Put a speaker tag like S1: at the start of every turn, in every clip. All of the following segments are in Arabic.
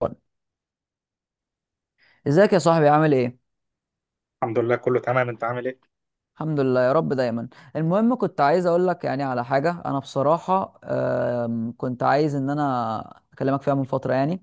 S1: وان. ازيك يا صاحبي؟ عامل ايه؟
S2: الحمد لله، كله تمام، انت عامل ايه؟
S1: الحمد لله يا رب دايما. المهم كنت عايز اقول لك يعني على حاجه. انا بصراحه كنت عايز ان انا اكلمك فيها من فتره يعني.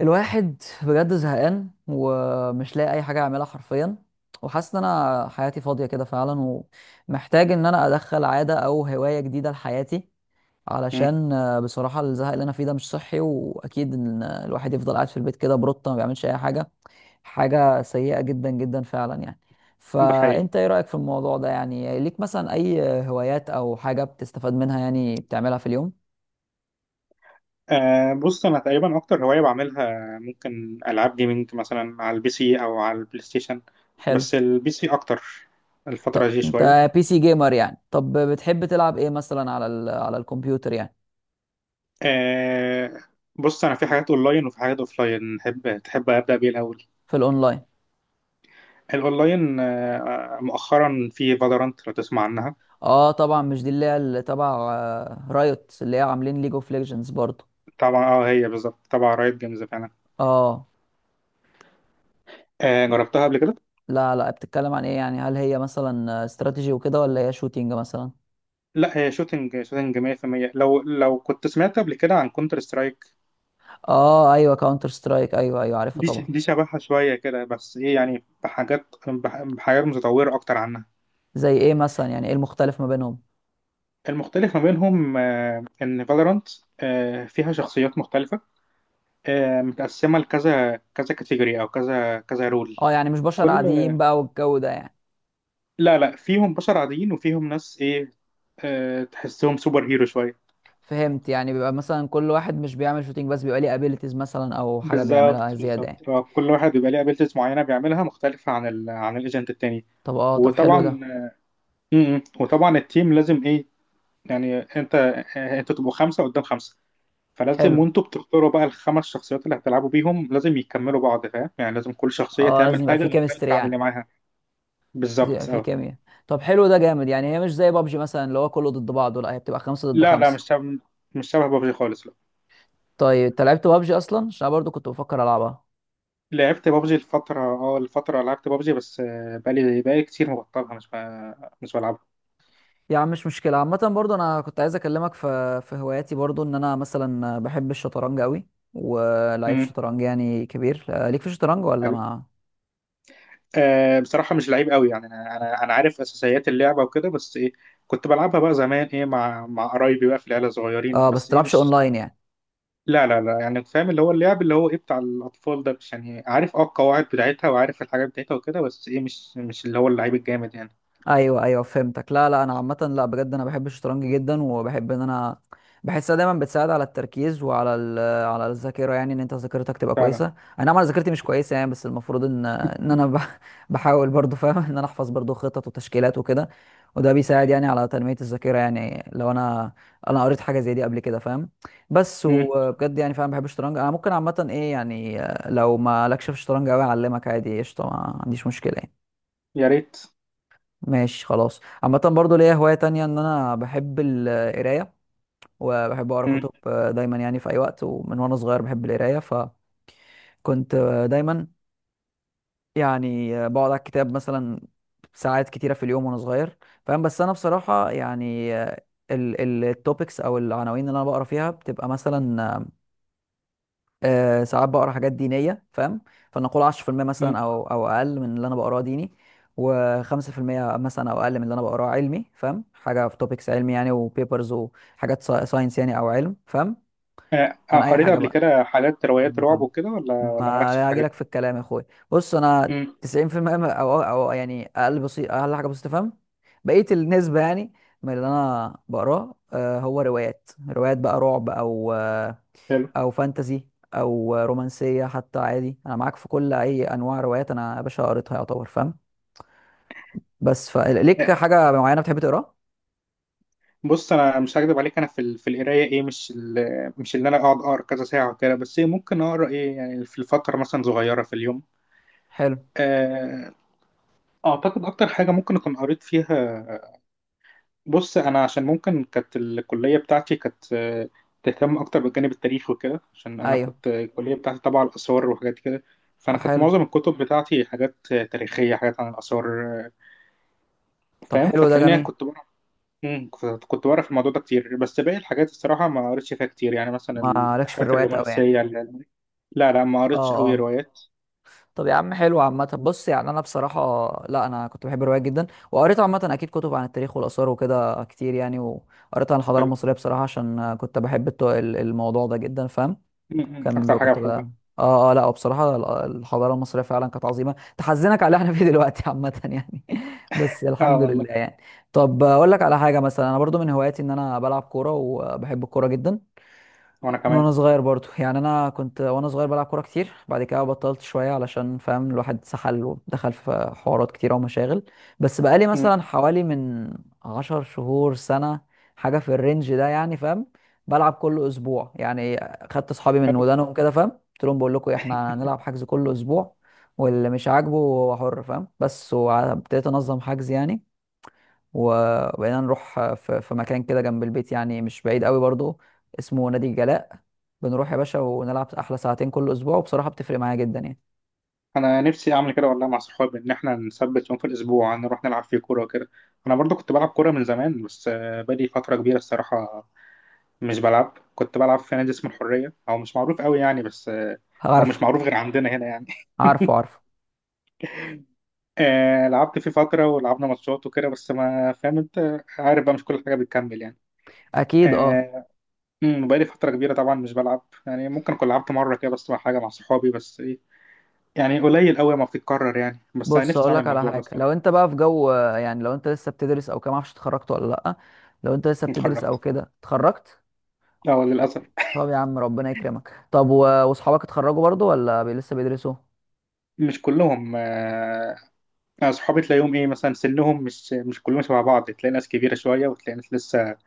S1: الواحد بجد زهقان ومش لاقي اي حاجه اعملها حرفيا، وحاسس ان انا حياتي فاضيه كده فعلا، ومحتاج ان انا ادخل عاده او هوايه جديده لحياتي،
S2: مم.
S1: علشان بصراحه الزهق اللي انا فيه ده مش صحي. واكيد ان الواحد يفضل قاعد في البيت كده بروتة ما بيعملش اي حاجه، حاجة سيئة جدا جدا فعلا يعني.
S2: ده حقيقي.
S1: فانت ايه رأيك في الموضوع ده؟ يعني ليك مثلا اي هوايات او حاجة بتستفاد منها يعني بتعملها في اليوم؟
S2: بص، انا تقريبا اكتر هوايه بعملها ممكن العاب جيمنج مثلا على البي سي او على البلاي ستيشن.
S1: حلو.
S2: بس البي سي اكتر الفتره
S1: طب
S2: دي شويه.
S1: انت بي سي جيمر يعني؟ طب بتحب تلعب ايه مثلا على على الكمبيوتر يعني؟
S2: آه بص، انا في حاجات اونلاين وفي حاجات اوفلاين، تحب ابدا بيه الاول؟
S1: في الاونلاين.
S2: الاونلاين، مؤخرا في فالورانت، لو تسمع عنها.
S1: اه طبعا، مش دي اللي هي اللي تبع رايوت، اللي هي عاملين ليج اوف ليجندز برضو؟
S2: طبعا اه، هي بالظبط، طبعا رايت جيمز فعلا.
S1: اه.
S2: جربتها قبل كده.
S1: لا لا، بتتكلم عن ايه يعني؟ هل هي مثلا استراتيجي وكده ولا هي شوتينج مثلا؟
S2: لا، هي شوتنج شوتنج 100%. لو كنت سمعت قبل كده عن كونتر سترايك،
S1: اه ايوه، كاونتر سترايك، ايوه ايوه عارفها طبعا.
S2: دي شبهها شوية كده بس إيه، يعني بحاجات، بحاجات متطورة أكتر عنها.
S1: زي ايه مثلا يعني؟ ايه المختلف ما بينهم؟
S2: المختلف ما بينهم، إن فالورانت فيها شخصيات مختلفة، متقسمة لكذا كذا كاتيجوري أو كذا كذا رول.
S1: اه يعني مش بشر
S2: كل
S1: عاديين بقى والجو ده يعني؟
S2: لا لا، فيهم بشر عاديين وفيهم ناس إيه، تحسهم سوبر هيرو شوية.
S1: فهمت. يعني بيبقى مثلا كل واحد مش بيعمل شوتينج بس بيبقى ليه ابيليتيز مثلا او حاجه بيعملها
S2: بالظبط
S1: زياده يعني.
S2: بالظبط، كل واحد بيبقى ليه أبيلتيز معينة بيعملها مختلفة عن عن الإيجنت التاني.
S1: طب اه، طب
S2: وطبعا
S1: حلو ده.
S2: م- م. وطبعا التيم لازم إيه، يعني انت تبقوا خمسه قدام خمسه، فلازم
S1: حلو.
S2: وانتوا بتختاروا بقى الخمس شخصيات اللي هتلعبوا بيهم لازم يكملوا بعض، فاهم يعني؟ لازم كل شخصيه
S1: اه لازم
S2: تعمل
S1: يبقى في
S2: حاجه
S1: كيمستري
S2: مختلفه عن اللي
S1: يعني،
S2: معاها.
S1: لازم يبقى
S2: بالظبط
S1: في
S2: اه.
S1: كيمياء. طب حلو ده جامد يعني. هي مش زي بابجي مثلا اللي هو كله ضد بعضه، لا هي بتبقى خمسة ضد
S2: لا لا،
S1: خمسة.
S2: مش شبه بابجي خالص، لا.
S1: طيب انت لعبت بابجي اصلا؟ عشان أنا برضو كنت بفكر العبها.
S2: لعبت بابجي الفتره، لعبت بابجي بس، بقالي كتير مبطلها، مش بلعبها.
S1: يا عم مش مشكلة. عامة برضو أنا كنت عايز أكلمك في هواياتي برضو، إن أنا مثلا بحب الشطرنج أوي، ولعيب
S2: امم،
S1: شطرنج يعني كبير. ليك في الشطرنج ولا
S2: حلو.
S1: ما؟
S2: بصراحه مش لعيب قوي يعني، انا انا انا عارف اساسيات اللعبه وكده بس ايه، كنت بلعبها بقى زمان ايه، مع قرايبي بقى في العيله صغيرين،
S1: آه بس
S2: بس ايه
S1: تلعبش
S2: مش.
S1: أونلاين يعني؟
S2: لا لا لا، يعني فاهم اللي هو اللعب اللي هو ايه بتاع الاطفال ده، مش يعني، عارف اه القواعد بتاعتها وعارف الحاجات بتاعتها وكده، بس ايه مش، اللي هو اللعيب الجامد يعني.
S1: ايوه ايوه فهمتك. لا لا انا عامه، لا بجد انا بحب الشطرنج جدا، وبحب ان انا بحسها دايما بتساعد على التركيز وعلى على الذاكره، يعني ان انت ذاكرتك تبقى
S2: فعلا.
S1: كويسه. انا نعم، انا ذاكرتي مش كويسه يعني، بس المفروض ان بحاول برضو فاهم ان انا احفظ برضو خطط وتشكيلات وكده، وده بيساعد يعني على تنميه الذاكره. يعني لو انا قريت حاجه زي دي قبل كده فاهم. بس
S2: امم.
S1: وبجد يعني فاهم بحب الشطرنج. انا ممكن عامه ايه يعني، لو ما لكش في الشطرنج قوي اعلمك عادي، قشطه، ما عنديش مشكله يعني.
S2: يا ريت.
S1: ماشي خلاص. عامة برضو ليا هواية تانية، ان انا بحب القراية، وبحب اقرا
S2: امم.
S1: كتب دايما يعني في اي وقت. ومن وانا صغير بحب القراية، فكنت دايما يعني بقعد على الكتاب مثلا ساعات كتيرة في اليوم وانا صغير فاهم. بس انا بصراحة يعني التوبكس او العناوين اللي انا بقرا فيها بتبقى مثلا ساعات بقرا حاجات دينيه فاهم، فنقول 10% مثلا
S2: امم.
S1: او اقل من اللي انا بقراه ديني، و5% مثلا او اقل من اللي انا بقراه علمي فاهم، حاجه في توبكس علمي يعني وبيبرز وحاجات ساينس يعني او علم فاهم، عن اي
S2: قريت
S1: حاجه
S2: قبل
S1: بقى
S2: كده حاجات روايات رعب
S1: عامة.
S2: وكده، ولا مالكش في
S1: ما هاجي
S2: الحاجات
S1: لك
S2: دي؟
S1: في الكلام يا اخويا. بص انا
S2: امم،
S1: 90% او يعني اقل بسيط، اقل حاجه بسيطه فاهم، بقيه النسبه يعني من اللي انا بقراه هو روايات، روايات بقى رعب او
S2: حلو.
S1: او فانتزي او رومانسيه، حتى عادي انا معاك في كل اي انواع روايات انا يا باشا قريتها يعتبر فاهم. بس فليك
S2: آه،
S1: حاجه معينه بتحب تقراها؟
S2: بص انا مش هكدب عليك، انا في في القرايه ايه، مش مش اللي انا اقعد اقرا كذا ساعه وكده، بس ايه ممكن اقرا ايه يعني في الفتره مثلا صغيره في اليوم.
S1: حلو،
S2: آه، اعتقد اكتر حاجه ممكن اكون قريت فيها، بص انا عشان ممكن كانت الكليه بتاعتي كانت، تهتم اكتر بالجانب التاريخي وكده، عشان انا
S1: ايوه.
S2: كنت الكليه بتاعتي تبع الاثار وحاجات كده. فانا
S1: طب
S2: كانت
S1: حلو.
S2: معظم الكتب بتاعتي حاجات تاريخيه، حاجات عن الاثار. آه،
S1: طب
S2: فاهم،
S1: حلو ده
S2: فتلاقيني
S1: جميل.
S2: كنت بعرف، كنت بعرف الموضوع ده كتير، بس باقي الحاجات الصراحه ما قريتش فيها كتير يعني، مثلا
S1: ما لكش في
S2: الحاجات
S1: الروايات قوي يعني؟
S2: الرومانسيه لا لا، ما
S1: اه
S2: قريتش قوي
S1: اه.
S2: روايات.
S1: طب يا عم حلو. عامة بص، يعني أنا بصراحة لا، أنا كنت بحب الروايات جدا، وقريت عامة أكيد كتب عن التاريخ والآثار وكده كتير يعني، وقريت عن الحضارة
S2: حلو.
S1: المصرية بصراحة عشان كنت بحب الموضوع ده جدا فاهم.
S2: مم. مم.
S1: كان
S2: اكتر
S1: بقى
S2: حاجه
S1: كنت
S2: بحبها.
S1: بقى اه اه لا. وبصراحة الحضارة المصرية فعلا كانت عظيمة، تحزنك على اللي احنا فيه دلوقتي عامة يعني بس
S2: اه
S1: الحمد
S2: والله.
S1: لله يعني. طب اقول لك على حاجة، مثلا انا برضو من هواياتي ان انا بلعب كورة، وبحب الكورة جدا
S2: وانا
S1: من
S2: كمان.
S1: وانا صغير برضو. يعني انا كنت وانا صغير بلعب كوره كتير، بعد كده بطلت شويه علشان فاهم الواحد سحل ودخل في حوارات كتيره ومشاغل. بس بقالي
S2: مم.
S1: مثلا حوالي من عشر شهور سنه، حاجه في الرينج ده يعني فاهم، بلعب كل اسبوع يعني. خدت اصحابي من ودانهم كده فاهم، قلت لهم بقول لكم احنا هنلعب حجز كل اسبوع، واللي مش عاجبه هو حر فاهم، بس وابتديت انظم حجز يعني، و- وبقينا نروح في مكان كده جنب البيت يعني مش بعيد قوي برضو، اسمه نادي الجلاء. بنروح يا باشا ونلعب احلى ساعتين كل اسبوع، وبصراحة بتفرق معايا جدا يعني.
S2: انا نفسي اعمل كده والله، مع صحابي ان احنا نثبت يوم في الاسبوع نروح نلعب فيه كوره وكده. انا برضو كنت بلعب كوره من زمان، بس بقالي فتره كبيره الصراحه مش بلعب. كنت بلعب في نادي اسمه الحريه، او مش معروف قوي يعني، بس او مش
S1: عارفه،
S2: معروف غير عندنا هنا يعني.
S1: عارفه عارفه.
S2: لعبت فيه فتره ولعبنا ماتشات وكده، بس ما، فاهم انت عارف بقى، مش كل حاجه بتكمل يعني.
S1: اكيد اه.
S2: آه، أمم، بقالي فتره كبيره طبعا مش بلعب، يعني ممكن اكون لعبت مره كده بس، مع صحابي، بس ايه، يعني قليل قوي ما بتتكرر يعني، بس انا
S1: بص
S2: نفسي
S1: اقول
S2: اعمل
S1: لك على
S2: الموضوع ده
S1: حاجه، لو
S2: الصراحه.
S1: انت بقى في جو يعني لو انت لسه بتدرس او كده، معرفش اتخرجت ولا لا؟ لو انت لسه بتدرس او
S2: اتخرجت،
S1: كده اتخرجت.
S2: اه للاسف.
S1: طب يا عم ربنا يكرمك. طب واصحابك اتخرجوا برضو ولا لسه بيدرسوا؟
S2: مش كلهم، أنا صحابي تلاقيهم إيه، مثلا سنهم مش كلهم شبه بعض، تلاقي ناس كبيرة شوية وتلاقي ناس لسه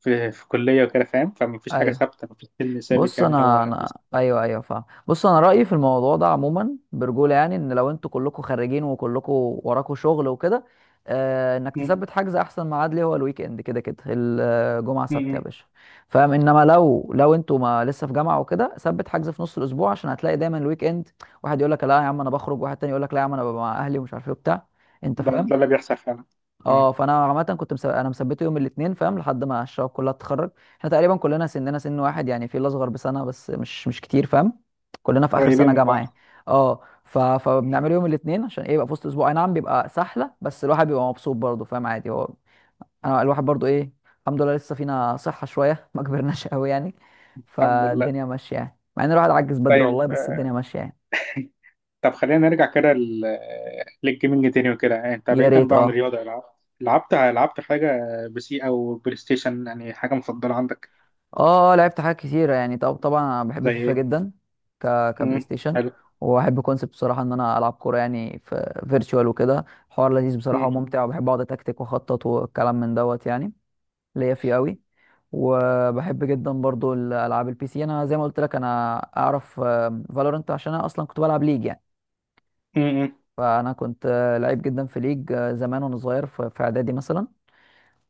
S2: في كلية وكده، فاهم؟ فمفيش حاجة
S1: ايوه.
S2: ثابتة مفيش سن ثابت
S1: بص
S2: يعني، اللي
S1: انا
S2: هو بس.
S1: انا ايوه ايوه فاهم. بص انا رايي في الموضوع ده عموما برجوله يعني، ان لو انتوا كلكم خارجين وكلكم وراكم شغل وكده، آه، انك
S2: م-
S1: تثبت حجز، احسن ميعاد ليه هو الويك اند كده كده، الجمعه
S2: م-
S1: سبت يا
S2: م.
S1: باشا فاهم. انما لو انتوا ما لسه في جامعه وكده، ثبت حجز في نص الاسبوع، عشان هتلاقي دايما الويك اند واحد يقول لك لا يا عم انا بخرج، واحد تاني يقول لك لا يا عم انا ببقى مع اهلي ومش عارف ايه وبتاع، انت
S2: ده
S1: فاهم.
S2: ده اللي بيحصل فعلا. م.
S1: اه، فانا عامه كنت انا مثبته يوم الاثنين فاهم لحد ما الشباب كلها تتخرج. احنا تقريبا كلنا سننا سن واحد يعني، في اللي اصغر بسنه بس مش كتير فاهم، كلنا في اخر
S2: قريبين
S1: سنه
S2: من
S1: جامعه يعني.
S2: بعض.
S1: اه فبنعمله يوم الاثنين عشان ايه، يبقى في وسط اسبوع، اي نعم بيبقى سحله بس الواحد بيبقى مبسوط برضه فاهم عادي هو. انا الواحد برضه ايه، الحمد لله لسه فينا صحه شويه ما كبرناش قوي يعني،
S2: الحمد لله.
S1: فالدنيا ماشيه يعني، مع ان الواحد عجز بدري
S2: طيب،
S1: والله بس الدنيا ماشيه يعني.
S2: طب خلينا نرجع كده للجيمنج تاني وكده، يعني أنت
S1: يا
S2: بعيدا
S1: ريت
S2: بقى عن
S1: اه
S2: الرياضة، لعبت حاجة بسي أو بلاي ستيشن يعني، حاجة مفضلة عندك؟
S1: اه. لعبت حاجات كتيرة يعني. طب طبعا انا بحب
S2: زي
S1: فيفا
S2: إيه؟
S1: جدا، ك كبلاي
S2: م.
S1: ستيشن،
S2: حلو.
S1: وبحب كونسبت بصراحة ان انا العب كورة يعني في فيرتشوال، وكده حوار لذيذ
S2: م.
S1: بصراحة وممتع، وبحب اقعد اتكتك واخطط والكلام من دوت يعني، ليا فيه قوي. وبحب جدا برضو الالعاب البي سي، انا زي ما قلت لك انا اعرف فالورنت عشان انا اصلا كنت بلعب ليج يعني.
S2: م. م.
S1: فانا كنت لعيب جدا في ليج زمان وانا صغير في اعدادي مثلا،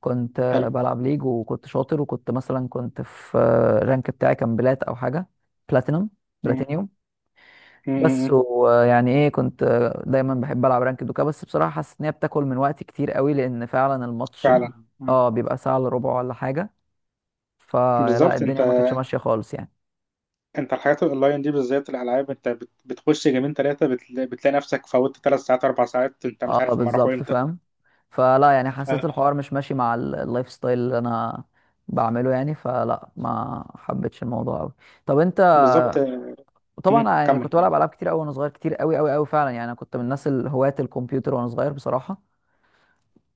S1: كنت
S2: حلو.
S1: بلعب ليج وكنت شاطر، وكنت مثلا كنت في الرانك بتاعي، كان بلات او حاجه، بلاتينum
S2: م. م.
S1: بلاتينيوم.
S2: م.
S1: بس
S2: م.
S1: ويعني ايه كنت دايما بحب العب رانك دوكا، بس بصراحه حاسس ان هي بتاكل من وقتي كتير قوي، لان فعلا الماتش
S2: فعلا. مم.
S1: اه بيبقى ساعه الا ربع ولا حاجه، فلا
S2: بالظبط، انت
S1: الدنيا ما كانتش ماشيه خالص يعني.
S2: انت الحاجات الاونلاين دي بالذات الالعاب، انت بتخش جيمين ثلاثه بتلاقي نفسك فوتت 3 ساعات 4 ساعات، انت مش
S1: اه
S2: عارف هم راحوا
S1: بالظبط
S2: امتى.
S1: فاهم، فلا يعني حسيت
S2: آه.
S1: الحوار مش ماشي مع اللايف ستايل اللي انا بعمله يعني، فلا ما حبيتش الموضوع قوي. طب انت.
S2: بالظبط. مم.
S1: وطبعا يعني
S2: كمل.
S1: كنت بلعب العاب كتير قوي وانا صغير، كتير قوي قوي قوي فعلا يعني، انا كنت من الناس الهواة الكمبيوتر وانا صغير بصراحه.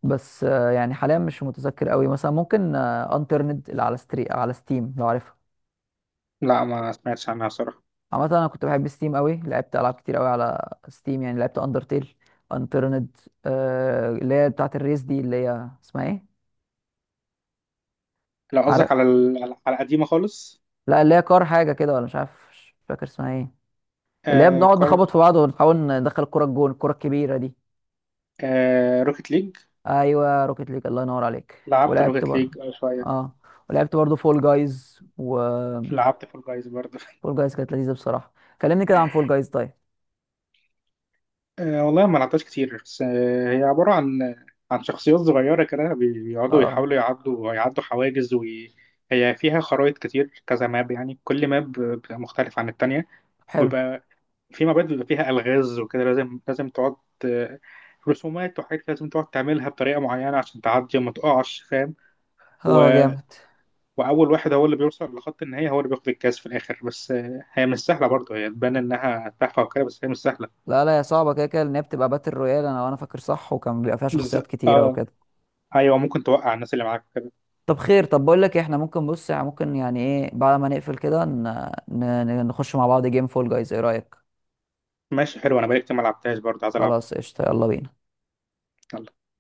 S1: بس يعني حاليا مش متذكر قوي، مثلا ممكن انترنت اللي على على ستيم لو عارفها.
S2: لا، ما سمعتش عنها صراحه.
S1: عامه انا كنت بحب ستيم قوي، لعبت العاب كتير قوي على ستيم يعني. لعبت اندرتيل، انترنت اللي هي بتاعه الريس دي اللي هي اسمها ايه؟
S2: لو قصدك
S1: عارف.
S2: على على القديمه خالص.
S1: لا اللي هي كار حاجه كده، ولا مش عارف مش فاكر اسمها ايه، اللي هي
S2: آه،
S1: بنقعد
S2: كار.
S1: نخبط في بعض ونحاول ندخل الكره الجون، الكره الكبيره دي.
S2: آه، روكيت ليج.
S1: ايوه روكيت ليج، الله ينور عليك،
S2: لعبت
S1: ولعبت
S2: روكيت
S1: برضه.
S2: ليج شويه.
S1: اه. ولعبت برضه فول جايز،
S2: لعبت فول جايز برضه.
S1: فول جايز كانت لذيذه بصراحه. كلمني كده عن فول جايز. طيب
S2: والله ما لعبتهاش كتير، بس هي عبارة عن شخصيات صغيرة كده، بيقعدوا
S1: اه،
S2: يحاولوا يعدوا، حواجز، وهي فيها خرائط كتير كذا ماب، يعني كل ماب بتبقى مختلف عن التانية.
S1: حلو،
S2: ويبقى في مابات بيبقى فيها ألغاز وكده، لازم لازم تقعد، آه، رسومات وحاجات لازم تقعد تعملها بطريقة معينة عشان تعدي وما تقعش، فاهم؟ و...
S1: اه جامد.
S2: وأول واحد هو اللي بيوصل لخط النهاية هو اللي بياخد الكاس في الآخر، بس هي مش سهلة برضه، هي تبان إنها تحفة وكده بس هي مش سهلة.
S1: لا لا يا صعبه كده كده، لان هي بتبقى باتل رويال انا وانا فاكر صح، وكان بيبقى فيها شخصيات كتيره
S2: آه
S1: وكده.
S2: أيوه، ممكن توقع الناس اللي معاك.
S1: طب خير، طب بقول لك إيه، احنا ممكن بص يعني ممكن يعني ايه، بعد ما نقفل كده نخش مع بعض جيم فول جايز، ايه رايك؟
S2: ماشي حلو، انا بقالي كتير ما لعبتهاش برضه، عايز العبها.
S1: خلاص قشطه، يلا بينا.
S2: يلا.